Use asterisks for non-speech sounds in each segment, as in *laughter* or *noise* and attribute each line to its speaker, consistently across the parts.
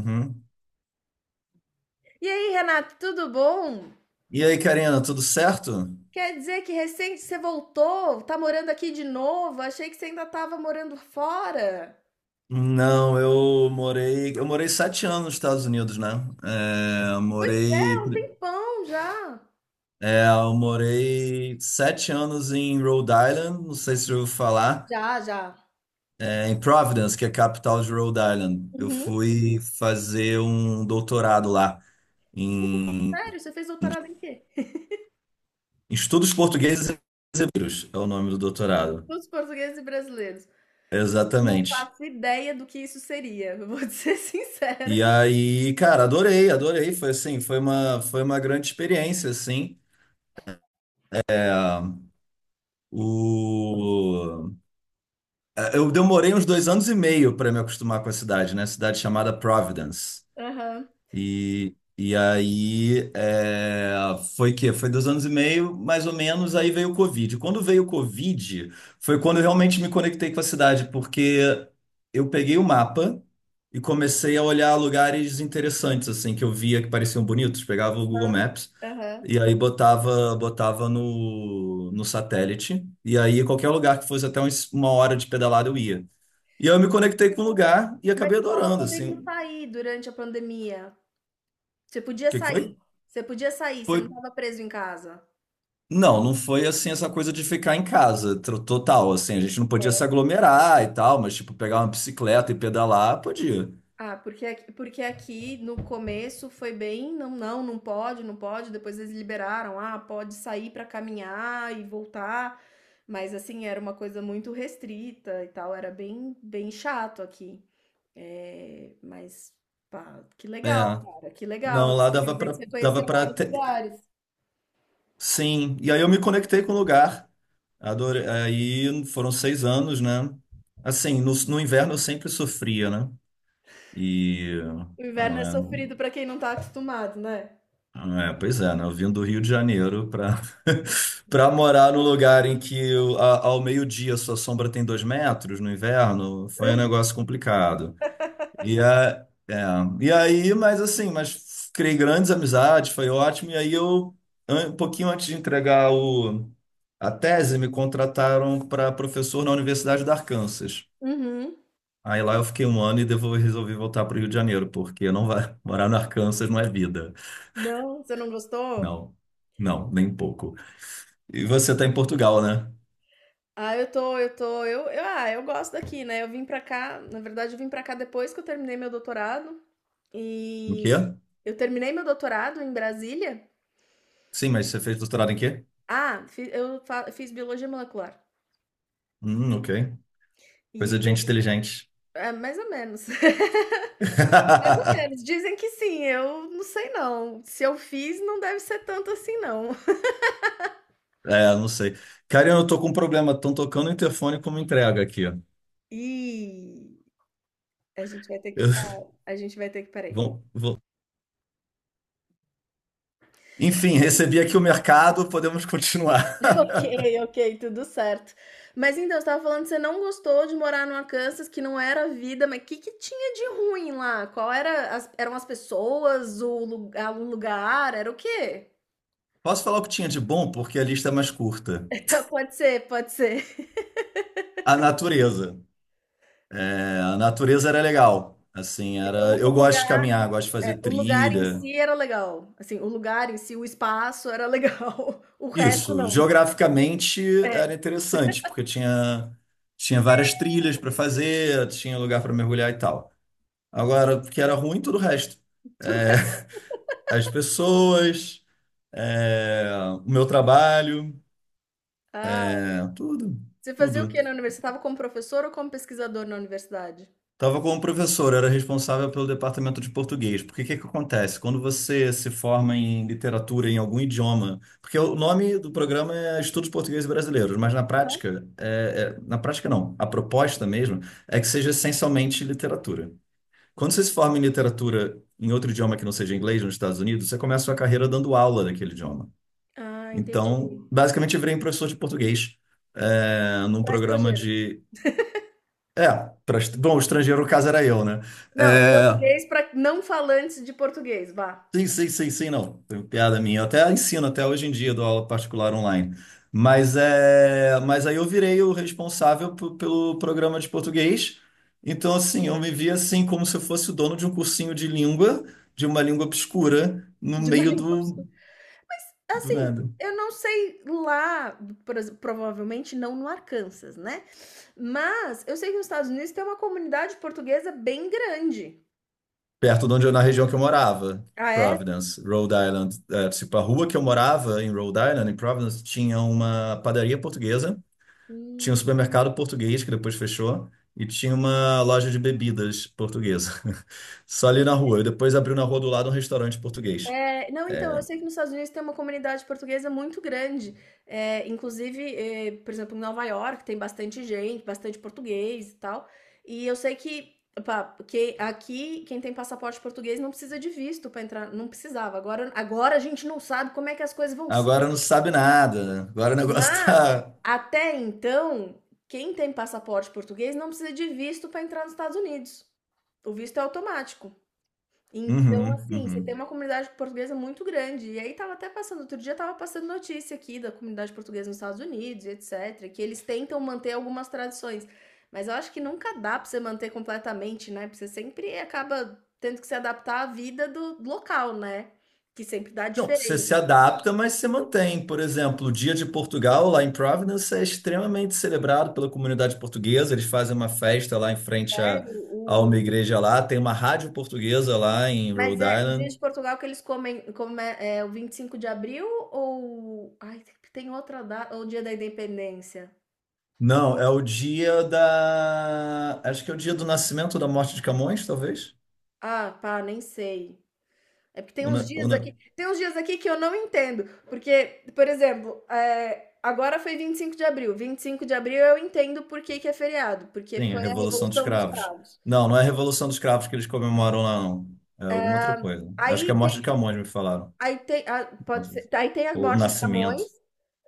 Speaker 1: Uhum.
Speaker 2: E aí, Renato, tudo bom?
Speaker 1: E aí, Karina, tudo certo?
Speaker 2: Quer dizer que recente você voltou, tá morando aqui de novo? Achei que você ainda tava morando fora.
Speaker 1: Não, eu morei sete anos nos Estados Unidos, né? É, eu
Speaker 2: Pois é,
Speaker 1: morei,
Speaker 2: um tempão já.
Speaker 1: é, eu morei sete anos em Rhode Island, não sei se você ouviu falar,
Speaker 2: Já, já.
Speaker 1: em Providence, que é a capital de Rhode Island. Eu
Speaker 2: Uhum.
Speaker 1: fui fazer um doutorado lá
Speaker 2: Você fez-
Speaker 1: em
Speaker 2: Sério, você fez doutorado em quê?
Speaker 1: Estudos Portugueses e Brasileiros, é o nome do doutorado.
Speaker 2: Estudos portugueses e brasileiros. Não
Speaker 1: Exatamente.
Speaker 2: faço ideia do que isso seria, eu vou *laughs* te ser sincera.
Speaker 1: E aí, cara, adorei, adorei. Foi assim, foi uma grande experiência, assim. O... Eu demorei uns dois anos e meio para me acostumar com a cidade, né? Cidade chamada Providence.
Speaker 2: Aham,
Speaker 1: E aí foi dois anos e meio, mais ou menos, aí veio o Covid. Quando veio o Covid, foi quando eu realmente me conectei com a cidade, porque eu peguei o mapa e comecei a olhar lugares interessantes, assim, que eu via que pareciam bonitos. Pegava o Google
Speaker 2: aham,
Speaker 1: Maps
Speaker 2: aham.
Speaker 1: e aí botava, botava no satélite. E aí qualquer lugar que fosse até uma hora de pedalada eu ia. E aí eu me conectei com o lugar e
Speaker 2: Mas
Speaker 1: acabei
Speaker 2: você tava
Speaker 1: adorando,
Speaker 2: podendo
Speaker 1: assim. O
Speaker 2: sair durante a pandemia. Você podia
Speaker 1: que que foi?
Speaker 2: sair. Você podia sair, você
Speaker 1: Foi...
Speaker 2: não tava preso em casa.
Speaker 1: Não, não foi assim essa coisa de ficar em casa, total, assim. A gente não podia se aglomerar e tal, mas tipo, pegar uma bicicleta e pedalar, podia.
Speaker 2: Ah, porque aqui no começo foi bem, não, não, não pode, não pode. Depois eles liberaram, ah, pode sair pra caminhar e voltar. Mas assim, era uma coisa muito restrita e tal, era bem, bem chato aqui. É, mas, pá, que legal,
Speaker 1: É.
Speaker 2: cara, que legal.
Speaker 1: Não,
Speaker 2: Isso.
Speaker 1: lá
Speaker 2: Quer
Speaker 1: dava
Speaker 2: dizer que
Speaker 1: pra,
Speaker 2: você
Speaker 1: dava
Speaker 2: conheceu
Speaker 1: pra.
Speaker 2: vários lugares.
Speaker 1: Sim, e aí eu me conectei com o lugar. Adorei. Aí foram seis anos, né? Assim, no inverno eu sempre sofria, né? E.
Speaker 2: O inverno é
Speaker 1: ela não-
Speaker 2: sofrido pra quem não tá acostumado, né?
Speaker 1: É, pois é, né? Eu vim do Rio de Janeiro para *laughs* para morar num lugar em que ao meio-dia sua sombra tem dois metros no inverno, foi um negócio complicado. E, a, é, e aí, mas assim, criei grandes amizades, foi ótimo. E aí eu, um pouquinho antes de entregar a tese, me contrataram para professor na Universidade do Arkansas.
Speaker 2: Uhum.
Speaker 1: Aí lá eu fiquei um ano e resolvi voltar para o Rio de Janeiro, porque não vai *laughs* morar no Arkansas não é vida.
Speaker 2: Não, você não gostou?
Speaker 1: Não, não, nem um pouco. E você está em Portugal, né?
Speaker 2: Ah, eu tô, eu gosto daqui, né? Eu vim pra cá, na verdade, eu vim pra cá depois que eu terminei meu doutorado
Speaker 1: Em quê?
Speaker 2: e eu terminei meu doutorado em Brasília.
Speaker 1: Sim, mas você fez doutorado em quê?
Speaker 2: Ah, fiz biologia molecular.
Speaker 1: Ok. Coisa
Speaker 2: E
Speaker 1: de gente
Speaker 2: eu,
Speaker 1: inteligente.
Speaker 2: é, mais ou menos. *laughs* Mais ou
Speaker 1: *laughs*
Speaker 2: menos. Dizem que sim, eu não sei não. Se eu fiz, não deve ser tanto assim não.
Speaker 1: É, não sei. Cara, eu tô com um problema. Estão tocando o interfone como entrega aqui. Ó.
Speaker 2: E a gente vai ter que
Speaker 1: Eu- *laughs*
Speaker 2: parar. A gente vai ter que parar.
Speaker 1: vão- vão- Enfim, recebi aqui o mercado, podemos continuar.
Speaker 2: *laughs* Ok, ok, tudo certo. Mas então, você estava falando que você não gostou de morar no Arkansas, que não era a vida, mas o que que tinha de ruim lá? Qual era eram as pessoas, o o lugar, era o quê?
Speaker 1: *laughs* Posso falar o que tinha de bom, porque a lista é mais curta.
Speaker 2: *laughs* Tá, pode ser, pode ser.
Speaker 1: A natureza. É, a natureza era legal. Assim, era.
Speaker 2: Então, o
Speaker 1: Eu gosto de
Speaker 2: lugar,
Speaker 1: caminhar, gosto de fazer
Speaker 2: é, o lugar em
Speaker 1: trilha.
Speaker 2: si era legal. Assim, o lugar em si, o espaço era legal. *laughs* O resto
Speaker 1: Isso.
Speaker 2: não.
Speaker 1: Geograficamente
Speaker 2: É.
Speaker 1: era interessante, porque tinha várias trilhas para fazer, tinha lugar para mergulhar e tal. Agora, o que era ruim, tudo o resto. É, as pessoas, é, o meu trabalho,
Speaker 2: Ah,
Speaker 1: tudo,
Speaker 2: você fazia o
Speaker 1: tudo.
Speaker 2: quê na universidade? Você estava como professor ou como pesquisador na universidade?
Speaker 1: Estava como professor, era responsável pelo departamento de português. Porque o que que acontece? Quando você se forma em literatura em algum idioma, porque o nome do programa é Estudos Portugueses Brasileiros, mas na
Speaker 2: Aham.
Speaker 1: prática, na prática não, a proposta mesmo é que seja essencialmente literatura. Quando você se forma em literatura em outro idioma que não seja inglês nos Estados Unidos, você começa a sua carreira dando aula daquele idioma.
Speaker 2: Ah,
Speaker 1: Então,
Speaker 2: entendi.
Speaker 1: basicamente, eu virei um professor de português num
Speaker 2: Para
Speaker 1: programa
Speaker 2: estrangeiro.
Speaker 1: de. É, bom, o estrangeiro, no caso, era eu, né?
Speaker 2: Não,
Speaker 1: É,
Speaker 2: português para não falantes de português, vá.
Speaker 1: sim, sim, sim, sim, não. Tem piada minha. Eu até ensino, até hoje em dia, dou aula particular online. Mas aí eu virei o responsável pelo programa de português. Então, assim, eu me via assim como se eu fosse o dono de um cursinho de língua, de uma língua obscura, no
Speaker 2: De uma *laughs*
Speaker 1: meio
Speaker 2: língua
Speaker 1: do,
Speaker 2: obscura.
Speaker 1: do
Speaker 2: Assim,
Speaker 1: nada.
Speaker 2: eu não sei lá, provavelmente não no Arkansas, né? Mas eu sei que os Estados Unidos tem uma comunidade portuguesa bem grande.
Speaker 1: Perto de onde na região que eu morava,
Speaker 2: Ah, é?
Speaker 1: Providence, Rhode Island. É, tipo, a rua que eu morava em Rhode Island, em Providence, tinha uma padaria portuguesa, tinha um supermercado português que depois fechou e tinha uma loja de bebidas portuguesa. *laughs* Só ali na rua. E depois abriu na rua do lado um restaurante português.
Speaker 2: É, não, então, eu sei que nos Estados Unidos tem uma comunidade portuguesa muito grande. É, inclusive, é, por exemplo, em Nova York tem bastante gente, bastante português e tal. E eu sei que, opa, que aqui quem tem passaporte português não precisa de visto para entrar, não precisava. Agora, agora a gente não sabe como é que as coisas vão ser.
Speaker 1: Agora não sabe nada. Agora o *laughs* negócio
Speaker 2: Mas
Speaker 1: tá.
Speaker 2: até então, quem tem passaporte português não precisa de visto para entrar nos Estados Unidos. O visto é automático. Então,
Speaker 1: Uhum,
Speaker 2: assim, você tem
Speaker 1: uhum.
Speaker 2: uma comunidade portuguesa muito grande. E aí tava até passando, outro dia tava passando notícia aqui da comunidade portuguesa nos Estados Unidos, e etc, que eles tentam manter algumas tradições, mas eu acho que nunca dá pra você manter completamente, né? Porque você sempre acaba tendo que se adaptar à vida do local, né? Que sempre dá
Speaker 1: Não, você
Speaker 2: diferente,
Speaker 1: se adapta, mas você mantém. Por exemplo, o Dia de Portugal, lá em Providence, é extremamente celebrado pela comunidade portuguesa. Eles fazem uma festa lá em frente
Speaker 2: né?
Speaker 1: a uma igreja lá. Tem uma rádio portuguesa lá em
Speaker 2: Mas
Speaker 1: Rhode
Speaker 2: é o dia
Speaker 1: Island.
Speaker 2: de Portugal que eles comem, come, é é o 25 de abril ou ai, tem tem outra data, ou o dia da Independência?
Speaker 1: Não, é o dia da. Acho que é o dia do nascimento ou da morte de Camões, talvez?
Speaker 2: Ah, pá, nem sei. É porque tem
Speaker 1: Ou
Speaker 2: uns
Speaker 1: na- ou
Speaker 2: dias
Speaker 1: na-
Speaker 2: aqui, tem uns dias aqui que eu não entendo, porque, por exemplo, é, agora foi 25 de abril. 25 de abril eu entendo por que que é feriado, porque
Speaker 1: Sim, a
Speaker 2: foi a
Speaker 1: Revolução dos
Speaker 2: Revolução dos
Speaker 1: Cravos.
Speaker 2: Cravos.
Speaker 1: Não, não é a Revolução dos Cravos que eles comemoram lá, não. É alguma outra coisa. Acho que é a
Speaker 2: Aí
Speaker 1: morte
Speaker 2: tem,
Speaker 1: de Camões, me falaram.
Speaker 2: aí tem, pode ser, aí tem a
Speaker 1: Ou o
Speaker 2: morte de Camões,
Speaker 1: nascimento.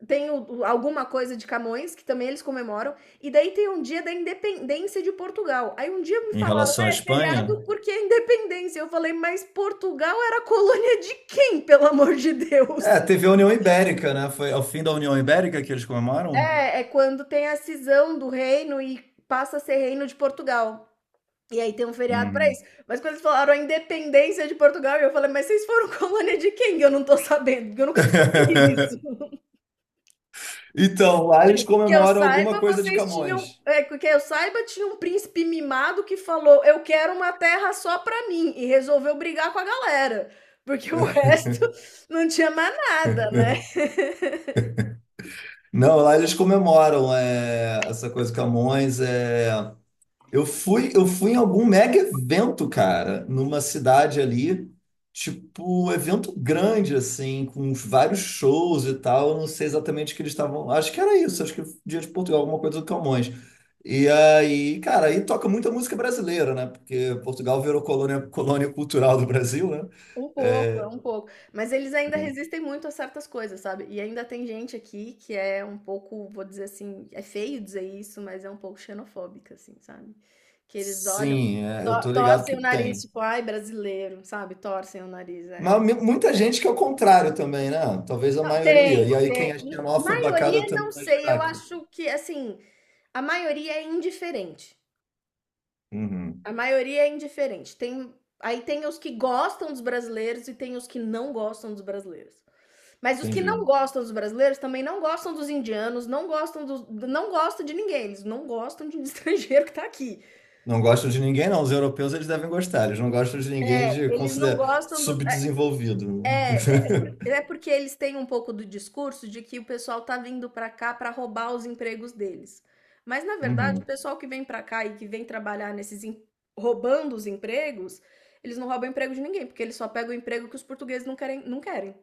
Speaker 2: tem alguma coisa de Camões, que também eles comemoram, e daí tem um dia da independência de Portugal. Aí um dia me
Speaker 1: Em
Speaker 2: falaram,
Speaker 1: relação à
Speaker 2: é
Speaker 1: Espanha?
Speaker 2: feriado porque é independência. Eu falei, mas Portugal era colônia de quem, pelo amor de
Speaker 1: É,
Speaker 2: Deus?
Speaker 1: teve a União Ibérica, né? Foi ao fim da União Ibérica que eles comemoram?
Speaker 2: É, é quando tem a cisão do reino e passa a ser reino de Portugal. E aí tem um feriado pra
Speaker 1: Uhum.
Speaker 2: isso. Mas quando eles falaram a independência de Portugal, eu falei, mas vocês foram colônia de quem? Eu não tô sabendo, porque eu nunca descobri isso.
Speaker 1: *laughs*
Speaker 2: *laughs*
Speaker 1: Então, lá eles
Speaker 2: Que eu
Speaker 1: comemoram alguma
Speaker 2: saiba,
Speaker 1: coisa de
Speaker 2: vocês tinham.
Speaker 1: Camões.
Speaker 2: É, que eu saiba, tinha um príncipe mimado que falou: eu quero uma terra só pra mim. E resolveu brigar com a galera. Porque o resto *laughs* não tinha mais nada, né?
Speaker 1: *laughs* Não, lá eles comemoram essa coisa de Camões. Eu fui em algum mega evento, cara, numa cidade ali, tipo, evento grande, assim, com vários shows e tal. Eu não sei exatamente o que eles estavam. Acho que era isso, acho que Dia de Portugal, alguma coisa do Camões. E aí, cara, aí toca muita música brasileira, né? Porque Portugal virou colônia cultural do Brasil, né?
Speaker 2: Um pouco, é
Speaker 1: É,
Speaker 2: um pouco. Mas eles ainda resistem muito a certas coisas, sabe? E ainda tem gente aqui que é um pouco, vou dizer assim, é feio dizer isso, mas é um pouco xenofóbica, assim, sabe? Que eles olham,
Speaker 1: sim, eu tô ligado
Speaker 2: torcem
Speaker 1: que
Speaker 2: o nariz,
Speaker 1: tem.
Speaker 2: tipo, ai, brasileiro, sabe? Torcem o nariz,
Speaker 1: Mas
Speaker 2: é.
Speaker 1: muita gente que é o contrário também, né? Talvez a
Speaker 2: Não,
Speaker 1: maioria.
Speaker 2: tem,
Speaker 1: E aí quem é
Speaker 2: tem.
Speaker 1: xenófobo acaba
Speaker 2: Maioria, não
Speaker 1: tendo mais
Speaker 2: sei, eu
Speaker 1: destaque.
Speaker 2: acho que, assim, a maioria é indiferente.
Speaker 1: Uhum,
Speaker 2: A maioria é indiferente. Tem, aí tem os que gostam dos brasileiros e tem os que não gostam dos brasileiros. Mas os que
Speaker 1: entendi.
Speaker 2: não gostam dos brasileiros também não gostam dos indianos, não gostam dos não gosta de ninguém, eles não gostam de um *laughs* estrangeiro que tá aqui.
Speaker 1: Não gostam de ninguém, não. Os europeus eles devem gostar. Eles não gostam de ninguém de
Speaker 2: Eles não
Speaker 1: considerar
Speaker 2: gostam do
Speaker 1: subdesenvolvido. *laughs*
Speaker 2: porque eles têm um pouco do discurso de que o pessoal tá vindo pra cá pra roubar os empregos deles. Mas na verdade o
Speaker 1: Uhum,
Speaker 2: pessoal que vem pra cá e que vem trabalhar nesses em roubando os empregos, eles não roubam emprego de ninguém, porque eles só pegam o emprego que os portugueses não querem não querem.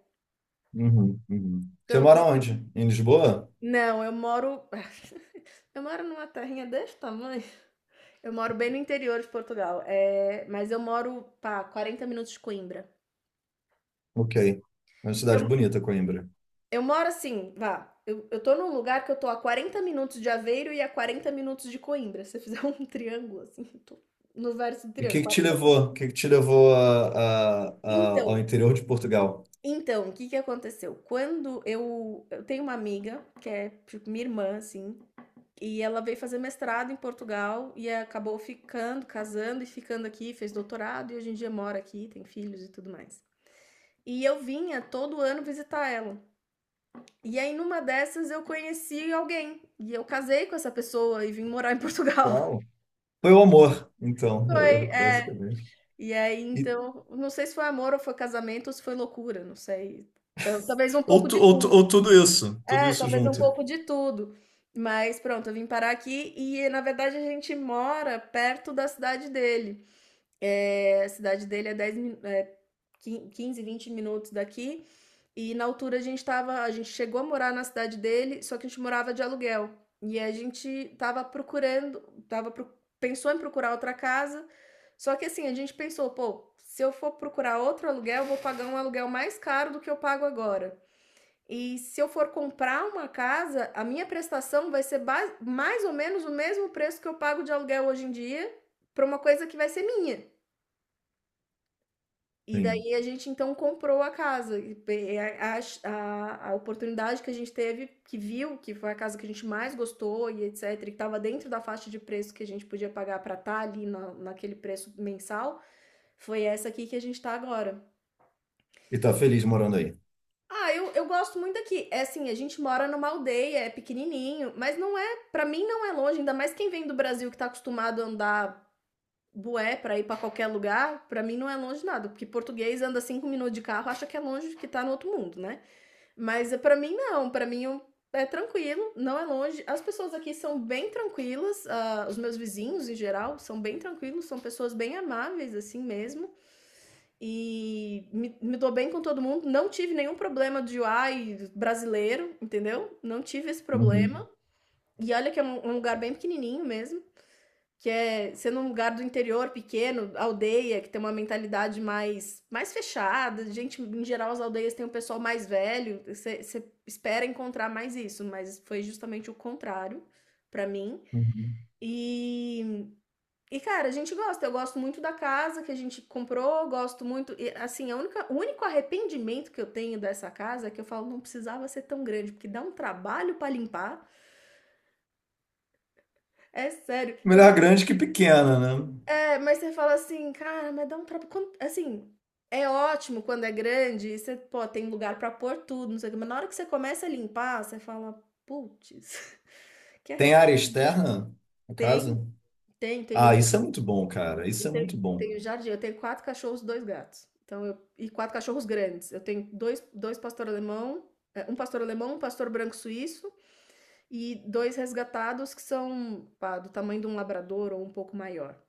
Speaker 1: uhum, uhum.
Speaker 2: Então
Speaker 1: Você
Speaker 2: eu tô
Speaker 1: mora
Speaker 2: assim
Speaker 1: onde? Em Lisboa?
Speaker 2: não, eu moro *laughs* eu moro numa terrinha desse tamanho. Eu moro bem no interior de Portugal, é, mas eu moro, pá, 40 minutos de Coimbra.
Speaker 1: Ok. É uma cidade
Speaker 2: Eu,
Speaker 1: bonita, Coimbra.
Speaker 2: eu moro assim, vá. Eu tô num lugar que eu tô a 40 minutos de Aveiro e a 40 minutos de Coimbra. Se você fizer *laughs* um triângulo, assim, eu tô no verso do
Speaker 1: E o
Speaker 2: triângulo.
Speaker 1: que que te levou?
Speaker 2: 40.
Speaker 1: O que que te levou
Speaker 2: Então,
Speaker 1: ao interior de Portugal?
Speaker 2: então, o que que aconteceu? Quando eu tenho uma amiga, que é tipo minha irmã, assim, e ela veio fazer mestrado em Portugal e acabou ficando, casando e ficando aqui, fez doutorado e hoje em dia mora aqui, tem filhos e tudo mais. E eu vinha todo ano visitar ela. E aí, numa dessas, eu conheci alguém. E eu casei com essa pessoa e vim morar em Portugal. *laughs*
Speaker 1: Uau. Foi o amor, então,
Speaker 2: Foi,
Speaker 1: *laughs*
Speaker 2: é.
Speaker 1: basicamente.
Speaker 2: E aí,
Speaker 1: E,
Speaker 2: então, não sei se foi amor ou foi casamento ou se foi loucura, não sei. Talvez um
Speaker 1: ou,
Speaker 2: pouco
Speaker 1: tu-
Speaker 2: de
Speaker 1: ou, tu-
Speaker 2: tudo.
Speaker 1: ou tudo
Speaker 2: É,
Speaker 1: isso
Speaker 2: talvez um
Speaker 1: junto.
Speaker 2: pouco de tudo. Mas pronto, eu vim parar aqui e, na verdade, a gente mora perto da cidade dele. É, a cidade dele é 10, é, 15, 20 minutos daqui. E na altura a gente tava, a gente chegou a morar na cidade dele, só que a gente morava de aluguel. E a gente tava procurando, tava pro- pensou em procurar outra casa. Só que assim, a gente pensou, pô, se eu for procurar outro aluguel, eu vou pagar um aluguel mais caro do que eu pago agora. E se eu for comprar uma casa, a minha prestação vai ser mais ou menos o mesmo preço que eu pago de aluguel hoje em dia para uma coisa que vai ser minha. E
Speaker 1: Sim.
Speaker 2: daí a gente então comprou a casa, e pe a oportunidade que a gente teve, que viu que foi a casa que a gente mais gostou e etcétera, e que estava dentro da faixa de preço que a gente podia pagar para estar ali na naquele preço mensal, foi essa aqui que a gente está agora.
Speaker 1: E tá feliz morando aí.
Speaker 2: Ah, eu gosto muito daqui. É assim, a gente mora numa aldeia, é pequenininho, mas não é, pra mim não é longe, ainda mais quem vem do Brasil que tá acostumado a andar bué pra ir pra qualquer lugar, pra mim não é longe nada. Porque português anda 5 minutos de carro, acha que é longe, que tá no outro mundo, né? Mas é, pra mim não, pra mim é tranquilo, não é longe. As pessoas aqui são bem tranquilas, ah, os meus vizinhos em geral são bem tranquilos, são pessoas bem amáveis assim mesmo. E me dou bem com todo mundo, não tive nenhum problema de ai brasileiro, entendeu? Não tive esse
Speaker 1: Uhum,
Speaker 2: problema. E olha que é um lugar bem pequenininho mesmo, que é sendo um lugar do interior pequeno, aldeia, que tem uma mentalidade mais, mais fechada. Gente, em geral, as aldeias têm um pessoal mais velho. Você espera encontrar mais isso, mas foi justamente o contrário para mim.
Speaker 1: uhum.
Speaker 2: E, cara, a gente gosta. Eu gosto muito da casa que a gente comprou, gosto muito. E, assim, a única, o único arrependimento que eu tenho dessa casa é que eu falo, não precisava ser tão grande, porque dá um trabalho para limpar. É sério. Você
Speaker 1: Melhor grande que pequena, né?
Speaker 2: É, mas você fala assim: "Cara, mas dá um traba" quan assim, é ótimo quando é grande e você, pô, tem lugar pra pôr tudo, não sei o quê, mas na hora que você começa a limpar, você fala: putz. *laughs* que arre"
Speaker 1: Tem área externa na
Speaker 2: Tem,
Speaker 1: casa?
Speaker 2: tem, tem o
Speaker 1: Ah, isso
Speaker 2: jardim,
Speaker 1: é muito bom, cara.
Speaker 2: eu
Speaker 1: Isso é muito
Speaker 2: tenho
Speaker 1: bom.
Speaker 2: tenho jardim, eu tenho 4 cachorros, 2 gatos, então eu e 4 cachorros grandes, eu tenho dois pastor alemão, 1 pastor alemão, um pastor branco suíço e 2 resgatados que são, pá, do tamanho de um labrador ou um pouco maior.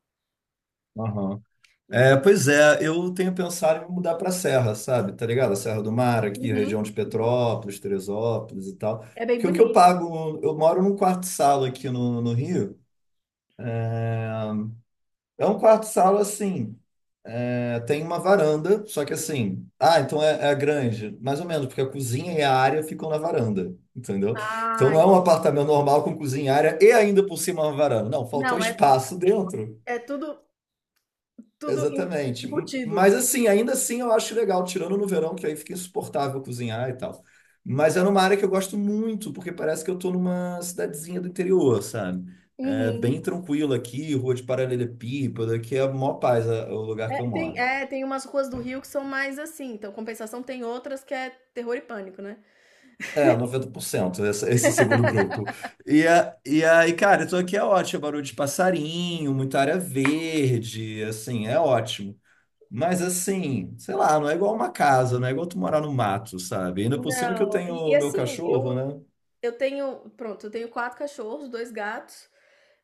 Speaker 1: Aham. É,
Speaker 2: Então
Speaker 1: pois é, eu tenho pensado em me mudar para a Serra, sabe? Tá ligado? A Serra do Mar, aqui,
Speaker 2: uhum,
Speaker 1: região de
Speaker 2: uhum.
Speaker 1: Petrópolis, Teresópolis e tal.
Speaker 2: É bem
Speaker 1: Porque o que eu
Speaker 2: bonito.
Speaker 1: pago, eu moro num quarto-sala aqui no Rio. É um quarto-sala assim. É, tem uma varanda, só que assim. Ah, então é a grande. Mais ou menos, porque a cozinha e a área ficam na varanda, entendeu? Então
Speaker 2: Ah,
Speaker 1: não é um
Speaker 2: entendi.
Speaker 1: apartamento normal com cozinha, área e ainda por cima uma varanda. Não, faltou
Speaker 2: Não, é
Speaker 1: espaço dentro.
Speaker 2: é tudo em
Speaker 1: Exatamente.
Speaker 2: embutido.
Speaker 1: Mas assim, ainda assim eu acho legal, tirando no verão, que aí fica insuportável cozinhar e tal. Mas é numa área que eu gosto muito, porque parece que eu tô numa cidadezinha do interior, sabe? É bem
Speaker 2: Uhum.
Speaker 1: tranquilo aqui, rua de paralelepípedo, aqui é a maior paz, é o lugar que eu moro.
Speaker 2: É, tem umas ruas do Rio que são mais assim, então compensação tem outras que é terror e pânico, né.
Speaker 1: É, 90%, esse segundo grupo. E aí, cara, então aqui é ótimo, é barulho de passarinho, muita área verde, assim, é ótimo. Mas assim, sei lá, não é igual uma casa, não é igual tu morar no mato, sabe? Ainda por cima que eu
Speaker 2: Não,
Speaker 1: tenho
Speaker 2: e
Speaker 1: o
Speaker 2: e
Speaker 1: meu
Speaker 2: assim,
Speaker 1: cachorro,
Speaker 2: eu
Speaker 1: né?
Speaker 2: eu tenho pronto, eu tenho 4 cachorros, 2 gatos,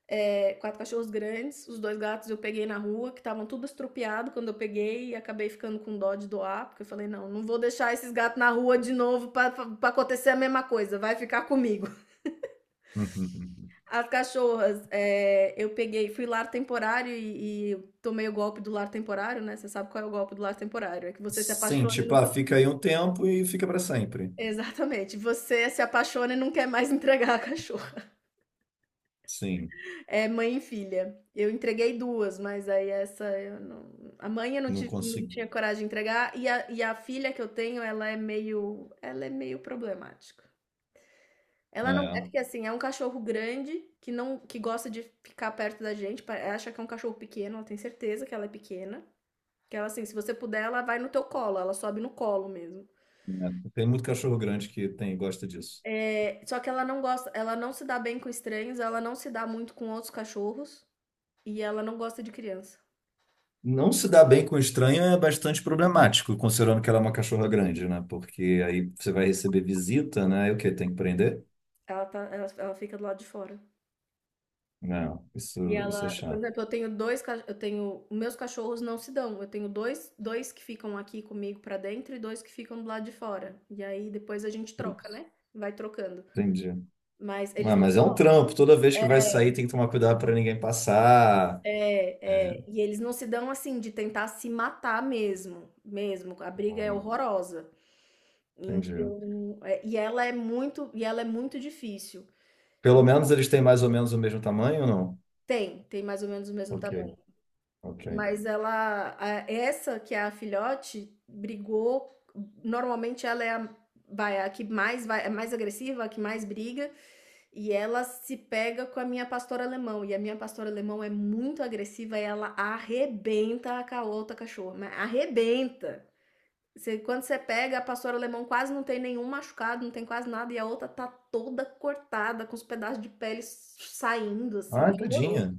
Speaker 2: 4 cachorros grandes, os dois gatos eu peguei na rua, que estavam tudo estrupiado quando eu peguei e acabei ficando com dó de doar, porque eu falei: "Não, não vou deixar esses gatos na rua de novo para pra acontecer a mesma coisa, vai ficar comigo".
Speaker 1: *laughs*
Speaker 2: As cachorras, eu peguei, fui lar temporário e tomei o golpe do lar temporário, né? Você sabe qual é o golpe do lar temporário? É que você se
Speaker 1: Sim,
Speaker 2: apaixona e
Speaker 1: tipo, ah,
Speaker 2: nunca.
Speaker 1: fica
Speaker 2: *laughs*
Speaker 1: aí um tempo e fica para sempre.
Speaker 2: Exatamente. Você se apaixona e não quer mais *laughs* entregar a cachorra.
Speaker 1: Sim,
Speaker 2: É mãe e filha. Eu entreguei duas, mas aí essa eu não... A mãe eu não,
Speaker 1: não
Speaker 2: tive, não
Speaker 1: consigo.
Speaker 2: tinha coragem de entregar, e a filha que eu tenho, ela é meio. Ela é meio problemática.
Speaker 1: É,
Speaker 2: Ela não. É
Speaker 1: é.
Speaker 2: porque assim, é um cachorro grande que não que gosta de ficar perto da gente. Ela acha que é um cachorro pequeno, ela tem certeza que ela é pequena. Que ela, assim, se você puder, ela vai no teu colo, ela sobe no colo mesmo.
Speaker 1: Tem muito cachorro grande que tem, gosta disso.
Speaker 2: É, só que ela não gosta, ela não se dá bem com estranhos, ela não se dá muito com outros cachorros e ela não gosta de criança.
Speaker 1: Não se dar bem com estranho é bastante problemático, considerando que ela é uma cachorra grande, né? Porque aí você vai receber visita, né? E o quê? Tem que prender?
Speaker 2: Ela, tá, ela fica do lado de fora.
Speaker 1: Não,
Speaker 2: E
Speaker 1: isso é
Speaker 2: ela, por
Speaker 1: chato.
Speaker 2: exemplo, eu tenho 2 ca eu tenho meus cachorros não se dão, eu tenho dois que ficam aqui comigo pra dentro e 2 que ficam do lado de fora. E aí depois a gente troca,
Speaker 1: Putz,
Speaker 2: né, vai trocando.
Speaker 1: entendi.
Speaker 2: Mas eles
Speaker 1: Ah,
Speaker 2: não
Speaker 1: mas
Speaker 2: se
Speaker 1: é um
Speaker 2: dão.
Speaker 1: trampo. Toda vez que vai sair,
Speaker 2: É,
Speaker 1: tem que tomar cuidado para ninguém passar. É.
Speaker 2: é, é. E eles não se dão assim de tentar se matar mesmo. A briga é
Speaker 1: Hum,
Speaker 2: horrorosa.
Speaker 1: entendi.
Speaker 2: Então, é, e ela é muito difícil.
Speaker 1: Pelo
Speaker 2: E
Speaker 1: menos eles têm mais ou menos o mesmo tamanho ou não?
Speaker 2: tem, tem mais ou menos o mesmo
Speaker 1: Ok,
Speaker 2: tamanho.
Speaker 1: ok.
Speaker 2: Mas ela, essa que é a filhote, brigou. Normalmente ela é a, vai, a que mais vai, é mais agressiva, a que mais briga, e ela se pega com a minha pastora alemão. E a minha pastora alemão é muito agressiva e ela arrebenta a outra cachorra, mas arrebenta. Quando você pega, a pastora alemão quase não tem nenhum machucado, não tem quase nada, e a outra tá toda cortada, com os pedaços de pele saindo, assim.
Speaker 1: Ah,
Speaker 2: É horroroso.
Speaker 1: tadinha.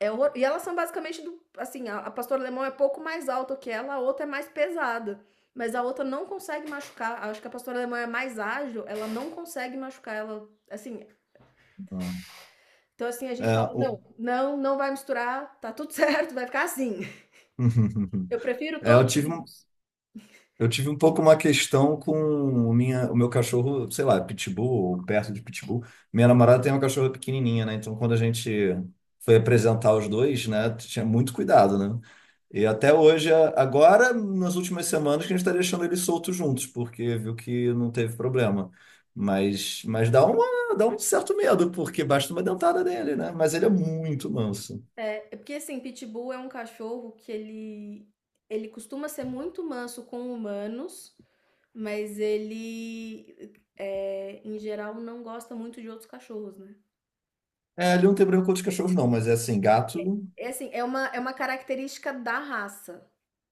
Speaker 2: E elas são basicamente do. Assim, a pastora alemão é pouco mais alta que ela, a outra é mais pesada. Mas a outra não consegue machucar. Acho que a pastora alemã é mais ágil, ela não consegue machucar. Ela, assim.
Speaker 1: Não.
Speaker 2: Então, assim, a gente
Speaker 1: É,
Speaker 2: fala:
Speaker 1: o...
Speaker 2: não, não, não vai misturar, tá tudo *laughs* certo, vai ficar assim. Eu
Speaker 1: *laughs*
Speaker 2: prefiro
Speaker 1: É, eu
Speaker 2: todos
Speaker 1: tive. um
Speaker 2: vivos.
Speaker 1: Eu tive um pouco uma questão com o meu cachorro, sei lá, pitbull, ou perto de pitbull. Minha namorada tem uma cachorra pequenininha, né? Então, quando a gente foi apresentar os dois, né, tinha muito cuidado, né? E até hoje, agora, nas últimas semanas, que a gente está deixando eles soltos juntos, porque viu que não teve problema. Mas dá um certo medo, porque basta uma dentada dele, né? Mas ele é muito manso.
Speaker 2: É, é porque, assim, Pitbull é um cachorro que ele. Ele costuma ser muito manso com humanos, mas ele, é, em geral, não gosta muito de outros cachorros, né?
Speaker 1: É, ele não tem problema com outros cachorros, não, mas é assim, gato,
Speaker 2: É assim, é uma característica da raça.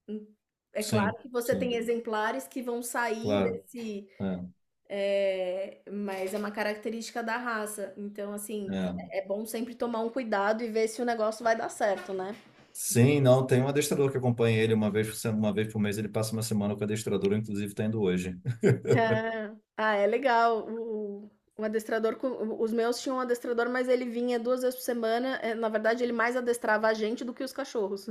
Speaker 2: Hum, é
Speaker 1: sim,
Speaker 2: claro que você tem
Speaker 1: sim,
Speaker 2: exemplares que vão sair
Speaker 1: claro.
Speaker 2: desse,
Speaker 1: É,
Speaker 2: mas é uma característica da raça. Então, assim,
Speaker 1: é.
Speaker 2: é é bom sempre tomar um cuidado e ver se o negócio vai dar certo, né. *laughs*
Speaker 1: Sim, não, tem um adestrador que acompanha ele uma vez por, se- uma vez por mês, ele passa uma semana com o adestrador, inclusive está indo hoje.
Speaker 2: É. Ah, é legal. O adestrador co os meus tinham um adestrador, mas ele vinha 2 vezes por semana, na verdade ele mais adestrava a gente do que os cachorros.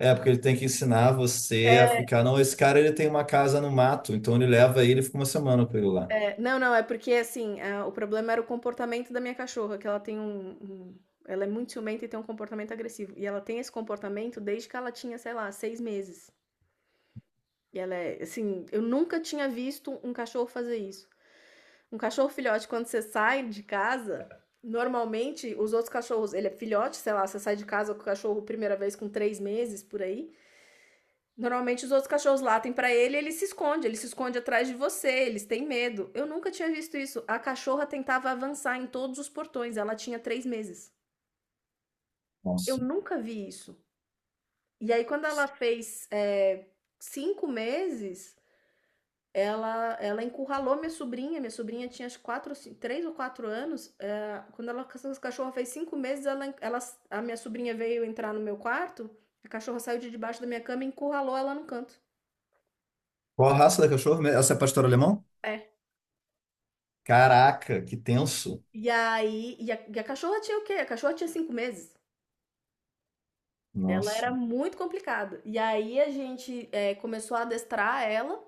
Speaker 1: É, porque ele tem que ensinar você a
Speaker 2: *laughs*
Speaker 1: ficar. Não, esse cara ele tem uma casa no mato, então ele leva ele e fica uma semana com ele lá.
Speaker 2: É, não, não, é porque assim, ah, o problema era o comportamento da minha cachorra, que ela tem um, Ela é muito ciumenta e tem um comportamento agressivo. E ela tem esse comportamento desde que ela tinha, sei lá, seis meses. E ela é, assim, eu nunca tinha visto um cachorro fazer isso. Um cachorro filhote, quando você sai de casa, normalmente os outros cachorros, ele é filhote, sei lá, você sai de casa com o cachorro primeira vez com três meses por aí. Normalmente os outros cachorros latem pra ele, e ele se esconde atrás de você, eles têm medo. Eu nunca tinha visto isso. A cachorra tentava avançar em todos os portões, ela tinha três meses. Eu
Speaker 1: Nossa.
Speaker 2: nunca vi isso. E aí, quando ela fez cinco meses, ela encurralou minha sobrinha. Minha sobrinha tinha acho, quatro, ou três ou quatro anos. Quando ela, essa cachorra fez cinco meses, ela, a minha sobrinha veio entrar no meu quarto, a cachorra saiu de debaixo da minha cama e encurralou ela no canto.
Speaker 1: Qual a raça da cachorro, mesmo? Essa é pastor alemão?
Speaker 2: É,
Speaker 1: Caraca, que tenso.
Speaker 2: e aí, e a cachorra tinha o quê? A cachorra tinha cinco meses. Ela
Speaker 1: Nossa.
Speaker 2: era muito complicada. E aí a gente começou a adestrar ela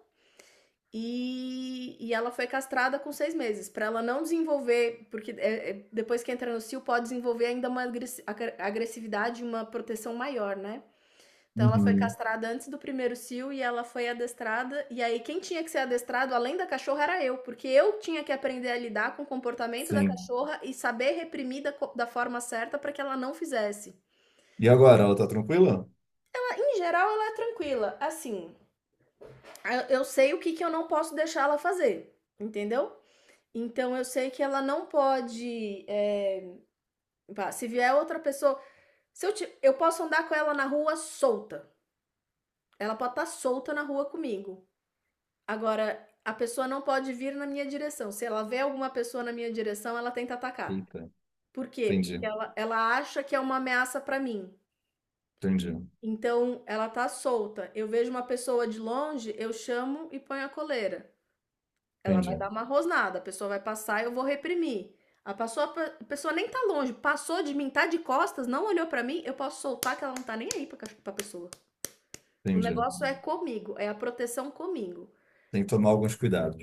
Speaker 2: e ela foi castrada com seis meses, pra ela não desenvolver, porque depois que entra no cio pode desenvolver ainda uma agressividade, e uma proteção maior, né? Então ela foi
Speaker 1: Uhum.
Speaker 2: castrada antes do primeiro cio e ela foi adestrada. E aí quem tinha que ser adestrado além da cachorra era eu, porque eu tinha que aprender a lidar com o comportamento da
Speaker 1: Sim.
Speaker 2: cachorra e saber reprimir da, da forma certa para que ela não fizesse.
Speaker 1: E agora, ela tá tranquila?
Speaker 2: Ah, em geral ela é tranquila, assim, sei o que, que eu não posso deixar ela fazer, entendeu? Então eu sei que ela não pode, é, pá, se vier outra pessoa, se eu posso andar com ela na rua solta. Ela pode estar solta na rua comigo. Agora, a pessoa não pode vir na minha direção. Se ela vê alguma pessoa na minha direção, ela tenta atacar.
Speaker 1: Eita,
Speaker 2: Por quê?
Speaker 1: entendi,
Speaker 2: Porque ela acha que é uma ameaça para mim.
Speaker 1: entendi,
Speaker 2: Então, ela tá solta. Eu vejo uma pessoa de longe, eu chamo e ponho a coleira. Ela vai
Speaker 1: entendi,
Speaker 2: dar uma rosnada, a pessoa vai passar, e eu vou reprimir. A pessoa, a pessoa nem tá longe, passou de mim, tá de costas, não olhou pra mim, eu posso soltar que ela não tá nem aí pra, pra pessoa. O
Speaker 1: entendi.
Speaker 2: negócio é comigo, é a proteção comigo.
Speaker 1: Tem que tomar alguns cuidados.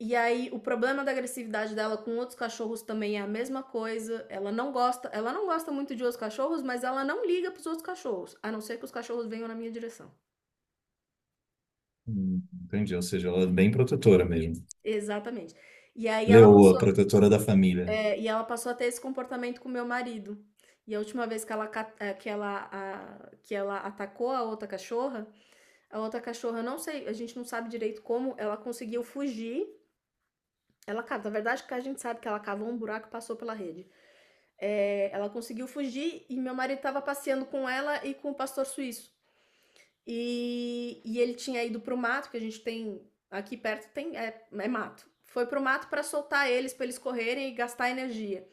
Speaker 2: E aí, o problema da agressividade dela com outros cachorros também é a mesma coisa. Ela não gosta muito de outros cachorros, mas ela não liga para os outros cachorros, a não ser que os cachorros venham na minha direção.
Speaker 1: Entendi, ou seja, ela é bem protetora mesmo.
Speaker 2: Exatamente. E aí ela
Speaker 1: Leoa,
Speaker 2: passou,
Speaker 1: protetora da família.
Speaker 2: é, e ela passou a ter esse comportamento com meu marido. E a última vez que ela, ca- eh, que ela, a- que ela atacou a outra cachorra, não sei, a gente não sabe direito como, ela conseguiu fugir. Na verdade, que a gente sabe que ela cavou um buraco e passou pela rede. É, ela conseguiu fugir e meu marido estava passeando com ela e com o pastor suíço. E ele tinha ido para o mato, que a gente tem aqui perto, tem é, é mato. Foi para o mato para soltar eles, para eles correrem e gastar energia.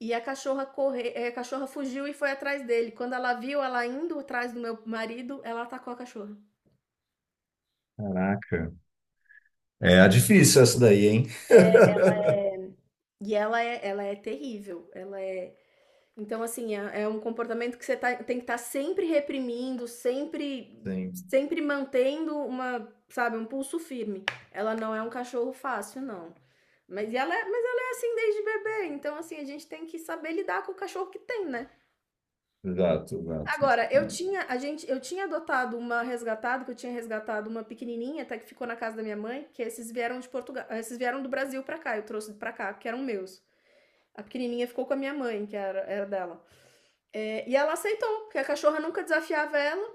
Speaker 2: E a cachorra corre, é, a cachorra fugiu e foi atrás dele. Quando ela viu ela indo atrás do meu marido, ela atacou a cachorra.
Speaker 1: Caraca. É, é difícil essa daí, hein?
Speaker 2: É, e ela é terrível. Ela é então, assim, é, é um comportamento que você tem que estar sempre reprimindo, sempre,
Speaker 1: Sim,
Speaker 2: sempre mantendo uma, sabe, um pulso firme. Ela não é um cachorro fácil, não. Mas ela, mas ela é assim desde bebê, então assim, a gente tem que saber lidar com o cachorro que tem, né?
Speaker 1: exato, exato.
Speaker 2: Agora,
Speaker 1: É, muito
Speaker 2: eu tinha adotado uma resgatada, que eu tinha resgatado uma pequenininha, até que ficou na casa da minha mãe, que esses vieram de Portugal, esses vieram do Brasil pra cá, eu trouxe pra cá, que eram meus. A pequenininha ficou com a minha mãe, que era, era dela. É, e ela aceitou, porque a cachorra nunca desafiava ela,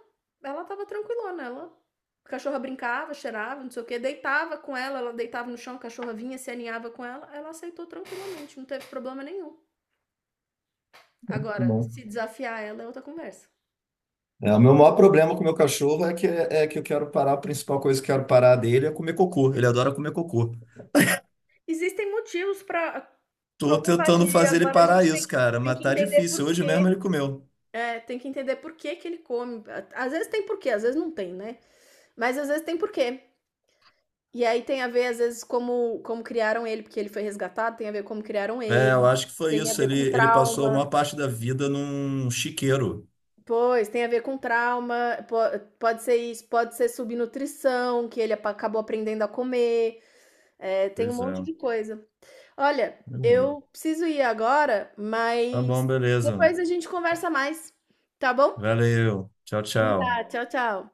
Speaker 2: ela tava tranquilona, ela. A cachorra brincava, cheirava, não sei o que, deitava com ela, ela deitava no chão, a cachorra vinha, se aninhava com ela, ela aceitou tranquilamente, não teve problema nenhum. Agora,
Speaker 1: bom.
Speaker 2: se desafiar ela é outra conversa.
Speaker 1: É, o meu maior problema com o meu cachorro é que eu quero parar, a principal coisa que eu quero parar dele é comer cocô. Ele adora comer cocô.
Speaker 2: Existem motivos para
Speaker 1: Tô tentando
Speaker 2: cropofagia,
Speaker 1: fazer ele
Speaker 2: agora a
Speaker 1: parar
Speaker 2: gente
Speaker 1: isso, cara,
Speaker 2: tem
Speaker 1: mas
Speaker 2: que
Speaker 1: tá
Speaker 2: entender
Speaker 1: difícil.
Speaker 2: por
Speaker 1: Hoje mesmo ele
Speaker 2: quê.
Speaker 1: comeu.
Speaker 2: É, tem que entender por que que ele come. Às vezes tem porquê, às vezes não tem, né? Mas às vezes tem porquê. E aí tem a ver, às vezes, como, como criaram ele, porque ele foi resgatado, tem a ver como criaram
Speaker 1: É, eu
Speaker 2: ele,
Speaker 1: acho que foi
Speaker 2: tem a
Speaker 1: isso.
Speaker 2: ver
Speaker 1: Ele,
Speaker 2: com
Speaker 1: ele passou a maior
Speaker 2: trauma.
Speaker 1: parte da vida num chiqueiro.
Speaker 2: Pois, tem a ver com trauma, pode ser isso, pode ser subnutrição, que ele acabou aprendendo a comer, é, tem um
Speaker 1: Pois
Speaker 2: monte
Speaker 1: é.
Speaker 2: de coisa. Olha,
Speaker 1: Pois
Speaker 2: eu
Speaker 1: é.
Speaker 2: preciso ir agora,
Speaker 1: Tá bom,
Speaker 2: mas
Speaker 1: beleza.
Speaker 2: depois a gente conversa mais, tá bom?
Speaker 1: Valeu. Tchau, tchau.
Speaker 2: Tá, tchau, tchau.